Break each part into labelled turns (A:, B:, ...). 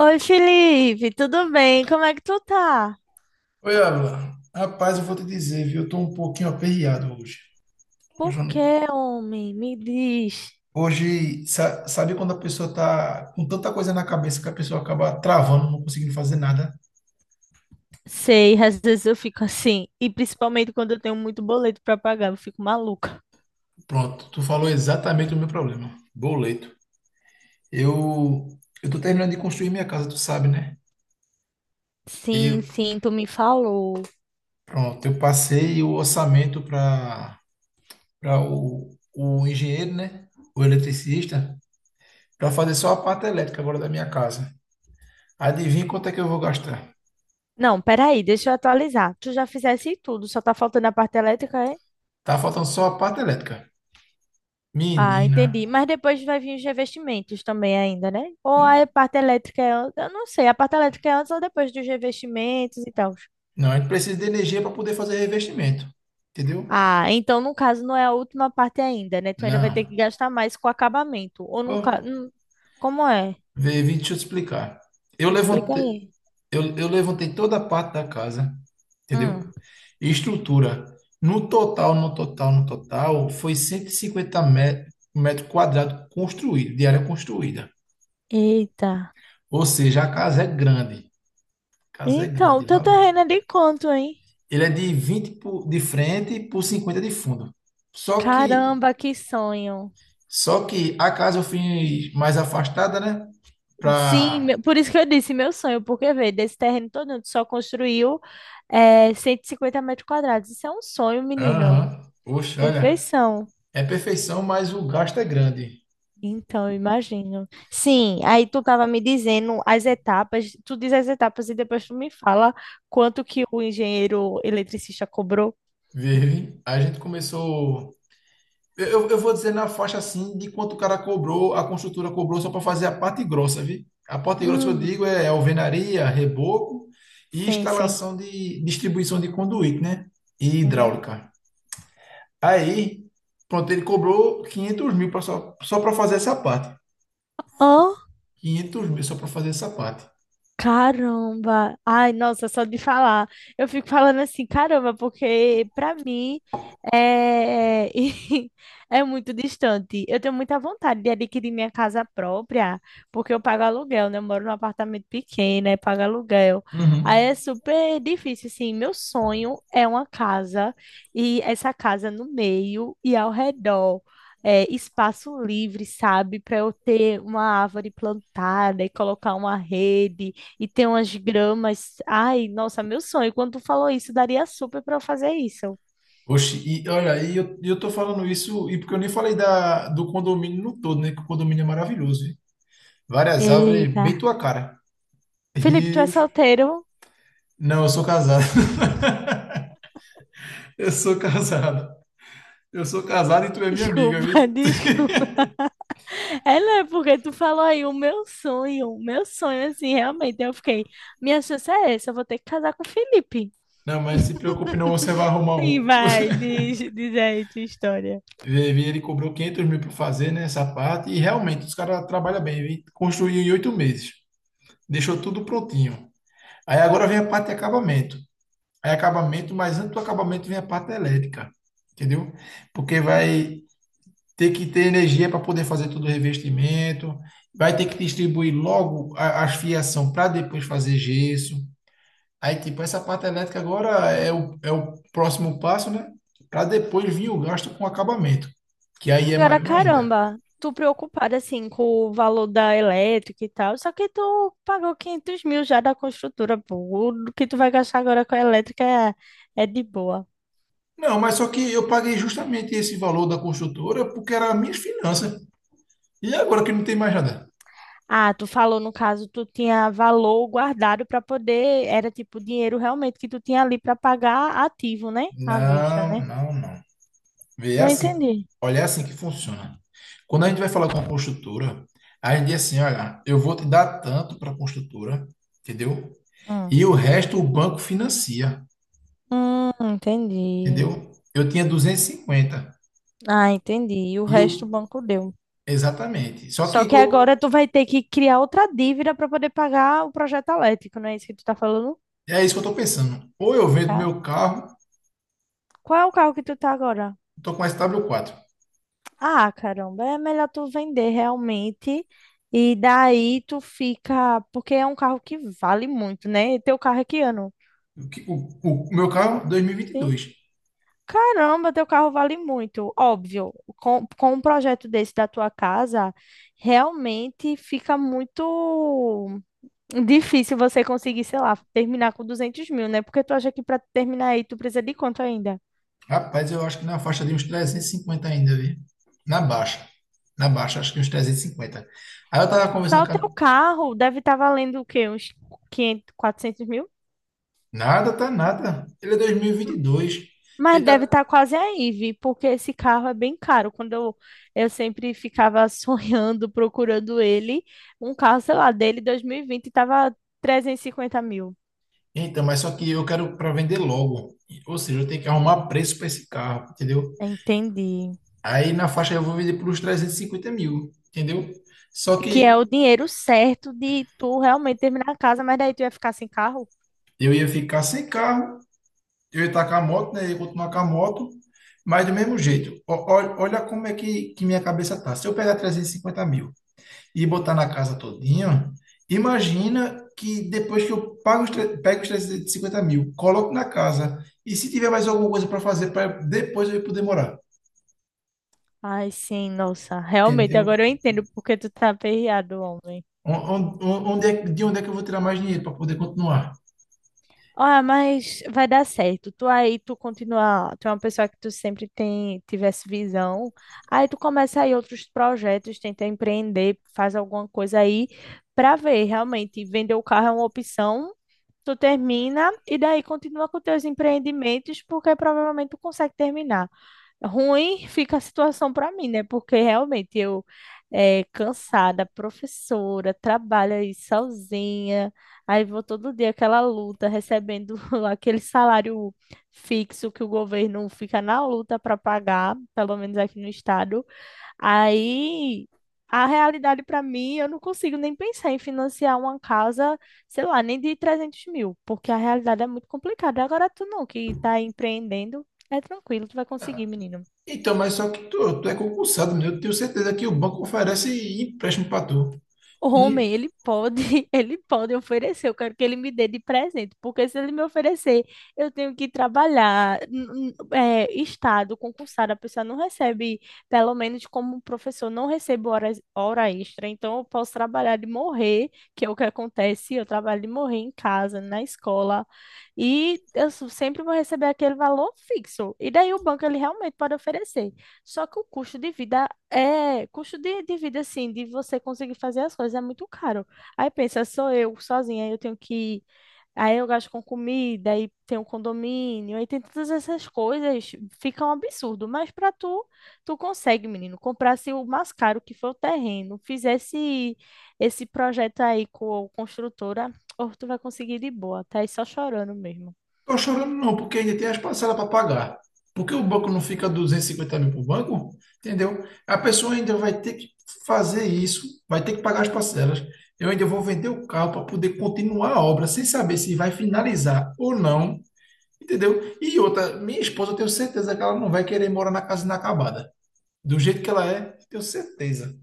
A: Oi, Felipe, tudo bem? Como é que tu tá?
B: Oi, Abla. Rapaz, eu vou te dizer, viu? Eu tô um pouquinho aperreado hoje. Hoje, eu
A: Por
B: não-
A: que, homem? Me diz.
B: Hoje, sabe quando a pessoa tá com tanta coisa na cabeça que a pessoa acaba travando, não conseguindo fazer nada?
A: Sei, às vezes eu fico assim, e principalmente quando eu tenho muito boleto pra pagar, eu fico maluca.
B: Pronto, tu falou exatamente o meu problema. Boleto. Eu, eu tô terminando de construir minha casa, tu sabe, né? Eu,
A: Sim, sim, tu me falou.
B: pronto, eu passei o orçamento para o engenheiro, né? O eletricista, para fazer só a parte elétrica agora da minha casa. Adivinha quanto é que eu vou gastar?
A: Não, peraí, deixa eu atualizar. Tu já fizesse tudo, só tá faltando a parte elétrica, é?
B: Tá faltando só a parte elétrica.
A: Ah,
B: Menina.
A: entendi. Mas depois vai vir os revestimentos também ainda, né? Ou a parte elétrica é... Eu não sei, a parte elétrica é antes ou depois dos revestimentos e tal.
B: Não, a gente precisa de energia para poder fazer revestimento. Entendeu?
A: Ah, então no caso não é a última parte ainda, né? Tu ainda vai ter
B: Não.
A: que gastar mais com acabamento. Ou nunca.
B: Oh,
A: Hum? Como é?
B: vê, vim te explicar. Eu
A: Explica
B: levantei,
A: aí.
B: eu levantei toda a parte da casa, entendeu?
A: Hum.
B: E estrutura. No total, foi 150 metros quadrados construído, de área construída.
A: Eita.
B: Ou seja, a casa é grande. A casa é
A: Então, o
B: grande,
A: teu
B: valendo.
A: terreno é de quanto, hein?
B: Ele é de de frente por 50 de fundo. Só que
A: Caramba, que sonho.
B: só que a casa eu fiz mais afastada, né?
A: Sim,
B: Pra.
A: por isso que eu disse meu sonho, porque, vê, desse terreno todo, tu só construiu 150 metros quadrados. Isso é um sonho, menino.
B: Aham. Poxa, olha.
A: Perfeição.
B: É perfeição, mas o gasto é grande.
A: Então, eu imagino. Sim, aí tu estava me dizendo as etapas, tu diz as etapas e depois tu me fala quanto que o engenheiro eletricista cobrou.
B: Vive. A gente começou. Eu vou dizer na faixa assim de quanto o cara cobrou, a construtora cobrou só para fazer a parte grossa, viu? A parte grossa que eu
A: Hum.
B: digo é alvenaria, reboco e
A: Sim, sim.
B: instalação de distribuição de conduíte, né? E
A: Uhum.
B: hidráulica. Aí, pronto, ele cobrou 500 mil pra só para fazer essa parte. 500 mil só para fazer essa parte.
A: Caramba! Ai, nossa, só de falar. Eu fico falando assim, caramba, porque pra mim é, é muito distante. Eu tenho muita vontade de adquirir minha casa própria, porque eu pago aluguel, né? Eu moro num apartamento pequeno, aí pago aluguel.
B: Uhum.
A: Aí é super difícil, assim. Meu sonho é uma casa e essa casa no meio e ao redor. Espaço livre, sabe? Para eu ter uma árvore plantada e colocar uma rede e tem umas gramas. Ai, nossa, meu sonho. Quando tu falou isso, daria super pra eu fazer isso.
B: Oxe, e olha, e eu tô falando isso, e porque eu nem falei do condomínio no todo, né? Que o condomínio é maravilhoso, viu? Várias árvores,
A: Eita.
B: bem tua cara.
A: Felipe, tu é
B: Rios.
A: solteiro?
B: Não, eu sou casado. Eu sou casado. Eu sou casado e tu é minha amiga, viu?
A: Desculpa, desculpa. É, né? Porque tu falou aí o meu sonho. O meu sonho, assim, realmente. Eu fiquei, minha chance é essa, eu vou ter que casar com o Felipe.
B: Não, mas não se preocupe, não, você vai arrumar
A: Sim,
B: um.
A: vai, diz, diz aí tua história.
B: Vê, ele cobrou 500 mil para fazer, né, essa parte, e realmente os caras trabalham bem, viu? Construiu em 8 meses. Deixou tudo prontinho. Aí agora vem a parte de acabamento. É acabamento, mas antes do acabamento vem a parte elétrica, entendeu? Porque vai ter que ter energia para poder fazer todo o revestimento, vai ter que distribuir logo a fiação para depois fazer gesso. Aí, tipo, essa parte elétrica agora é o próximo passo, né? Para depois vir o gasto com acabamento, que aí é
A: Agora,
B: maior ainda.
A: caramba, tu preocupada assim com o valor da elétrica e tal, só que tu pagou 500 mil já da construtora, pô. O que tu vai gastar agora com a elétrica é de boa.
B: Não, mas só que eu paguei justamente esse valor da construtora porque era minhas finanças. E agora que não tem mais nada?
A: Ah, tu falou no caso, tu tinha valor guardado para poder, era tipo dinheiro realmente que tu tinha ali para pagar ativo, né? À vista,
B: Não,
A: né?
B: não, não. Vê, é
A: Não
B: assim.
A: entendi.
B: Olha, é assim que funciona. Quando a gente vai falar com a construtora, a gente diz assim, olha, eu vou te dar tanto para a construtora, entendeu?
A: Hum.
B: E o resto o banco financia,
A: Entendi.
B: entendeu? Eu tinha 250 mil
A: Ah, entendi. E o
B: e o
A: resto o banco deu.
B: exatamente.
A: Só que agora tu vai ter que criar outra dívida para poder pagar o projeto elétrico, não é isso que tu tá falando?
B: É isso que eu estou pensando. Ou eu vendo
A: Ca-
B: meu carro,
A: Qual é o carro que tu tá agora?
B: estou com sw quatro.
A: Ah, caramba, é melhor tu vender realmente. E daí tu fica. Porque é um carro que vale muito, né? E teu carro é que ano?
B: O, que- o meu carro dois. mil e vinte e
A: Sim.
B: dois.
A: Caramba, teu carro vale muito. Óbvio, com, um projeto desse da tua casa, realmente fica muito. Difícil você conseguir, sei lá, terminar com 200 mil, né? Porque tu acha que para terminar aí tu precisa de quanto ainda?
B: Rapaz, eu acho que na faixa de uns 350 mil ainda, viu? Na baixa. Na baixa, acho que uns 350 mil. Aí eu tava conversando
A: Só o teu carro deve estar valendo o quê? Uns 500, 400 mil?
B: nada, tá nada. Ele é dois mil e vinte e dois. Ele
A: Mas deve
B: tá...
A: estar quase aí, Vi, porque esse carro é bem caro. Eu sempre ficava sonhando, procurando ele, um carro, sei lá, dele 2020 estava 350 mil.
B: Então, mas só que eu quero para vender logo. Ou seja, eu tenho que arrumar preço para esse carro, entendeu?
A: Entendi.
B: Aí na faixa eu vou vender por uns 350 mil, entendeu? Só
A: Que é
B: que
A: o dinheiro certo de tu realmente terminar a casa, mas daí tu ia ficar sem carro?
B: eu ia ficar sem carro, eu ia estar com a moto, né? Eu ia continuar com a moto, mas do mesmo jeito. Ó, olha como é que minha cabeça tá. Se eu pegar 350 mil e botar na casa todinho, imagina que depois que eu pago pego os 350 mil, coloco na casa, e se tiver mais alguma coisa para fazer, para depois eu ir poder morar,
A: Ai, sim, nossa, realmente,
B: entendeu?
A: agora eu entendo porque tu tá aperreado, homem.
B: Onde é, de onde é que eu vou tirar mais dinheiro para poder continuar?
A: Ah, mas vai dar certo. Tu aí, tu continua, tu é uma pessoa que tu sempre tem, tivesse visão. Aí tu começa aí outros projetos, tenta empreender, faz alguma coisa aí pra ver, realmente, vender o carro é uma opção. Tu termina e daí continua com teus empreendimentos, porque provavelmente tu consegue terminar. Ruim fica a situação para mim, né? Porque realmente eu cansada, professora, trabalho aí sozinha, aí vou todo dia aquela luta, recebendo aquele salário fixo que o governo fica na luta para pagar, pelo menos aqui no estado. Aí a realidade para mim, eu não consigo nem pensar em financiar uma casa, sei lá, nem de 300 mil, porque a realidade é muito complicada. Agora tu não, que tá empreendendo, é tranquilo, tu vai
B: Ah,
A: conseguir, menino.
B: então, mas só que tu é concursado, meu. Eu tenho certeza que o banco oferece empréstimo para tu.
A: Homem, ele pode, ele pode oferecer. Eu quero que ele me dê de presente, porque se ele me oferecer, eu tenho que trabalhar. É, estado concursado, a pessoa não recebe, pelo menos como um professor, não recebo horas, hora extra. Então, eu posso trabalhar de morrer, que é o que acontece. Eu trabalho de morrer em casa, na escola, e eu sempre vou receber aquele valor fixo. E daí o banco ele realmente pode oferecer. Só que o custo de vida, custo de, vida, assim, de você conseguir fazer as coisas é muito caro. Aí pensa, sou eu sozinha, aí eu tenho que. Aí eu gasto com comida, aí tem um condomínio, aí tem todas essas coisas, fica um absurdo. Mas pra tu, tu consegue, menino, comprasse o mais caro que foi o terreno, fizesse esse projeto aí com a construtora, ou tu vai conseguir de boa, tá aí só chorando mesmo.
B: Tô chorando não, porque ainda tem as parcelas para pagar. Porque o banco não fica 250 mil para o banco, entendeu? A pessoa ainda vai ter que fazer isso, vai ter que pagar as parcelas. Eu ainda vou vender o carro para poder continuar a obra, sem saber se vai finalizar ou não, entendeu? E outra, minha esposa, eu tenho certeza que ela não vai querer morar na casa inacabada. Do jeito que ela é, tenho certeza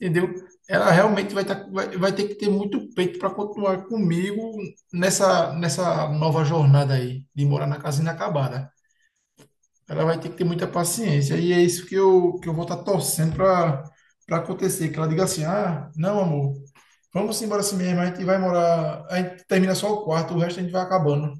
B: entendeu? Ela realmente vai, tá, vai ter que ter muito peito para continuar comigo nessa nova jornada aí, de morar na casa inacabada. Ela vai ter que ter muita paciência, e é isso que que eu vou estar torcendo para acontecer, que ela diga assim, ah, não, amor, vamos embora assim mesmo, a gente vai morar, a gente termina só o quarto, o resto a gente vai acabando.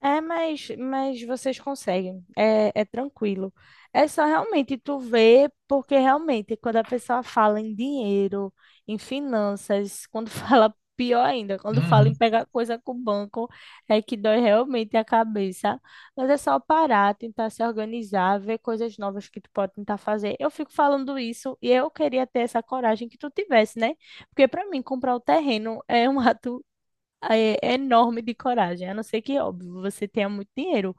A: É, mas vocês conseguem, é tranquilo. É só realmente tu ver, porque realmente quando a pessoa fala em dinheiro, em finanças, quando fala pior ainda, quando fala
B: Uhum.
A: em pegar coisa com o banco, é que dói realmente a cabeça. Mas é só parar, tentar se organizar, ver coisas novas que tu pode tentar fazer. Eu fico falando isso e eu queria ter essa coragem que tu tivesse, né? Porque para mim comprar o terreno é um ato é enorme de coragem, a não ser que, óbvio, você tenha muito dinheiro.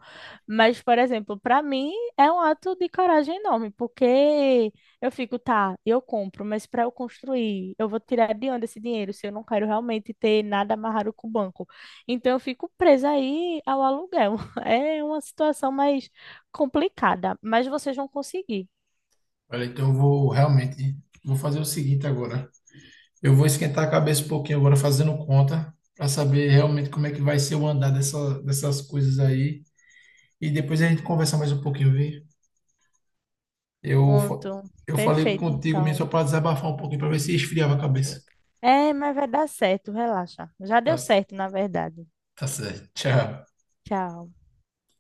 A: Mas, por exemplo, para mim é um ato de coragem enorme, porque eu fico, tá, eu compro, mas para eu construir, eu vou tirar de onde esse dinheiro se eu não quero realmente ter nada amarrado com o banco? Então, eu fico presa aí ao aluguel. É uma situação mais complicada, mas vocês vão conseguir.
B: Olha, então eu vou realmente, vou fazer o seguinte agora. Eu vou esquentar a cabeça um pouquinho agora fazendo conta para saber realmente como é que vai ser o andar dessas coisas aí. E depois a gente conversa mais um pouquinho, viu? Eu, fa-
A: Pronto,
B: eu falei
A: perfeito,
B: contigo mesmo só
A: então.
B: para desabafar um pouquinho para ver se esfriava a cabeça.
A: É, mas vai dar certo, relaxa. Já
B: Tá,
A: deu certo, na verdade.
B: tá certo. Tchau.
A: Tchau.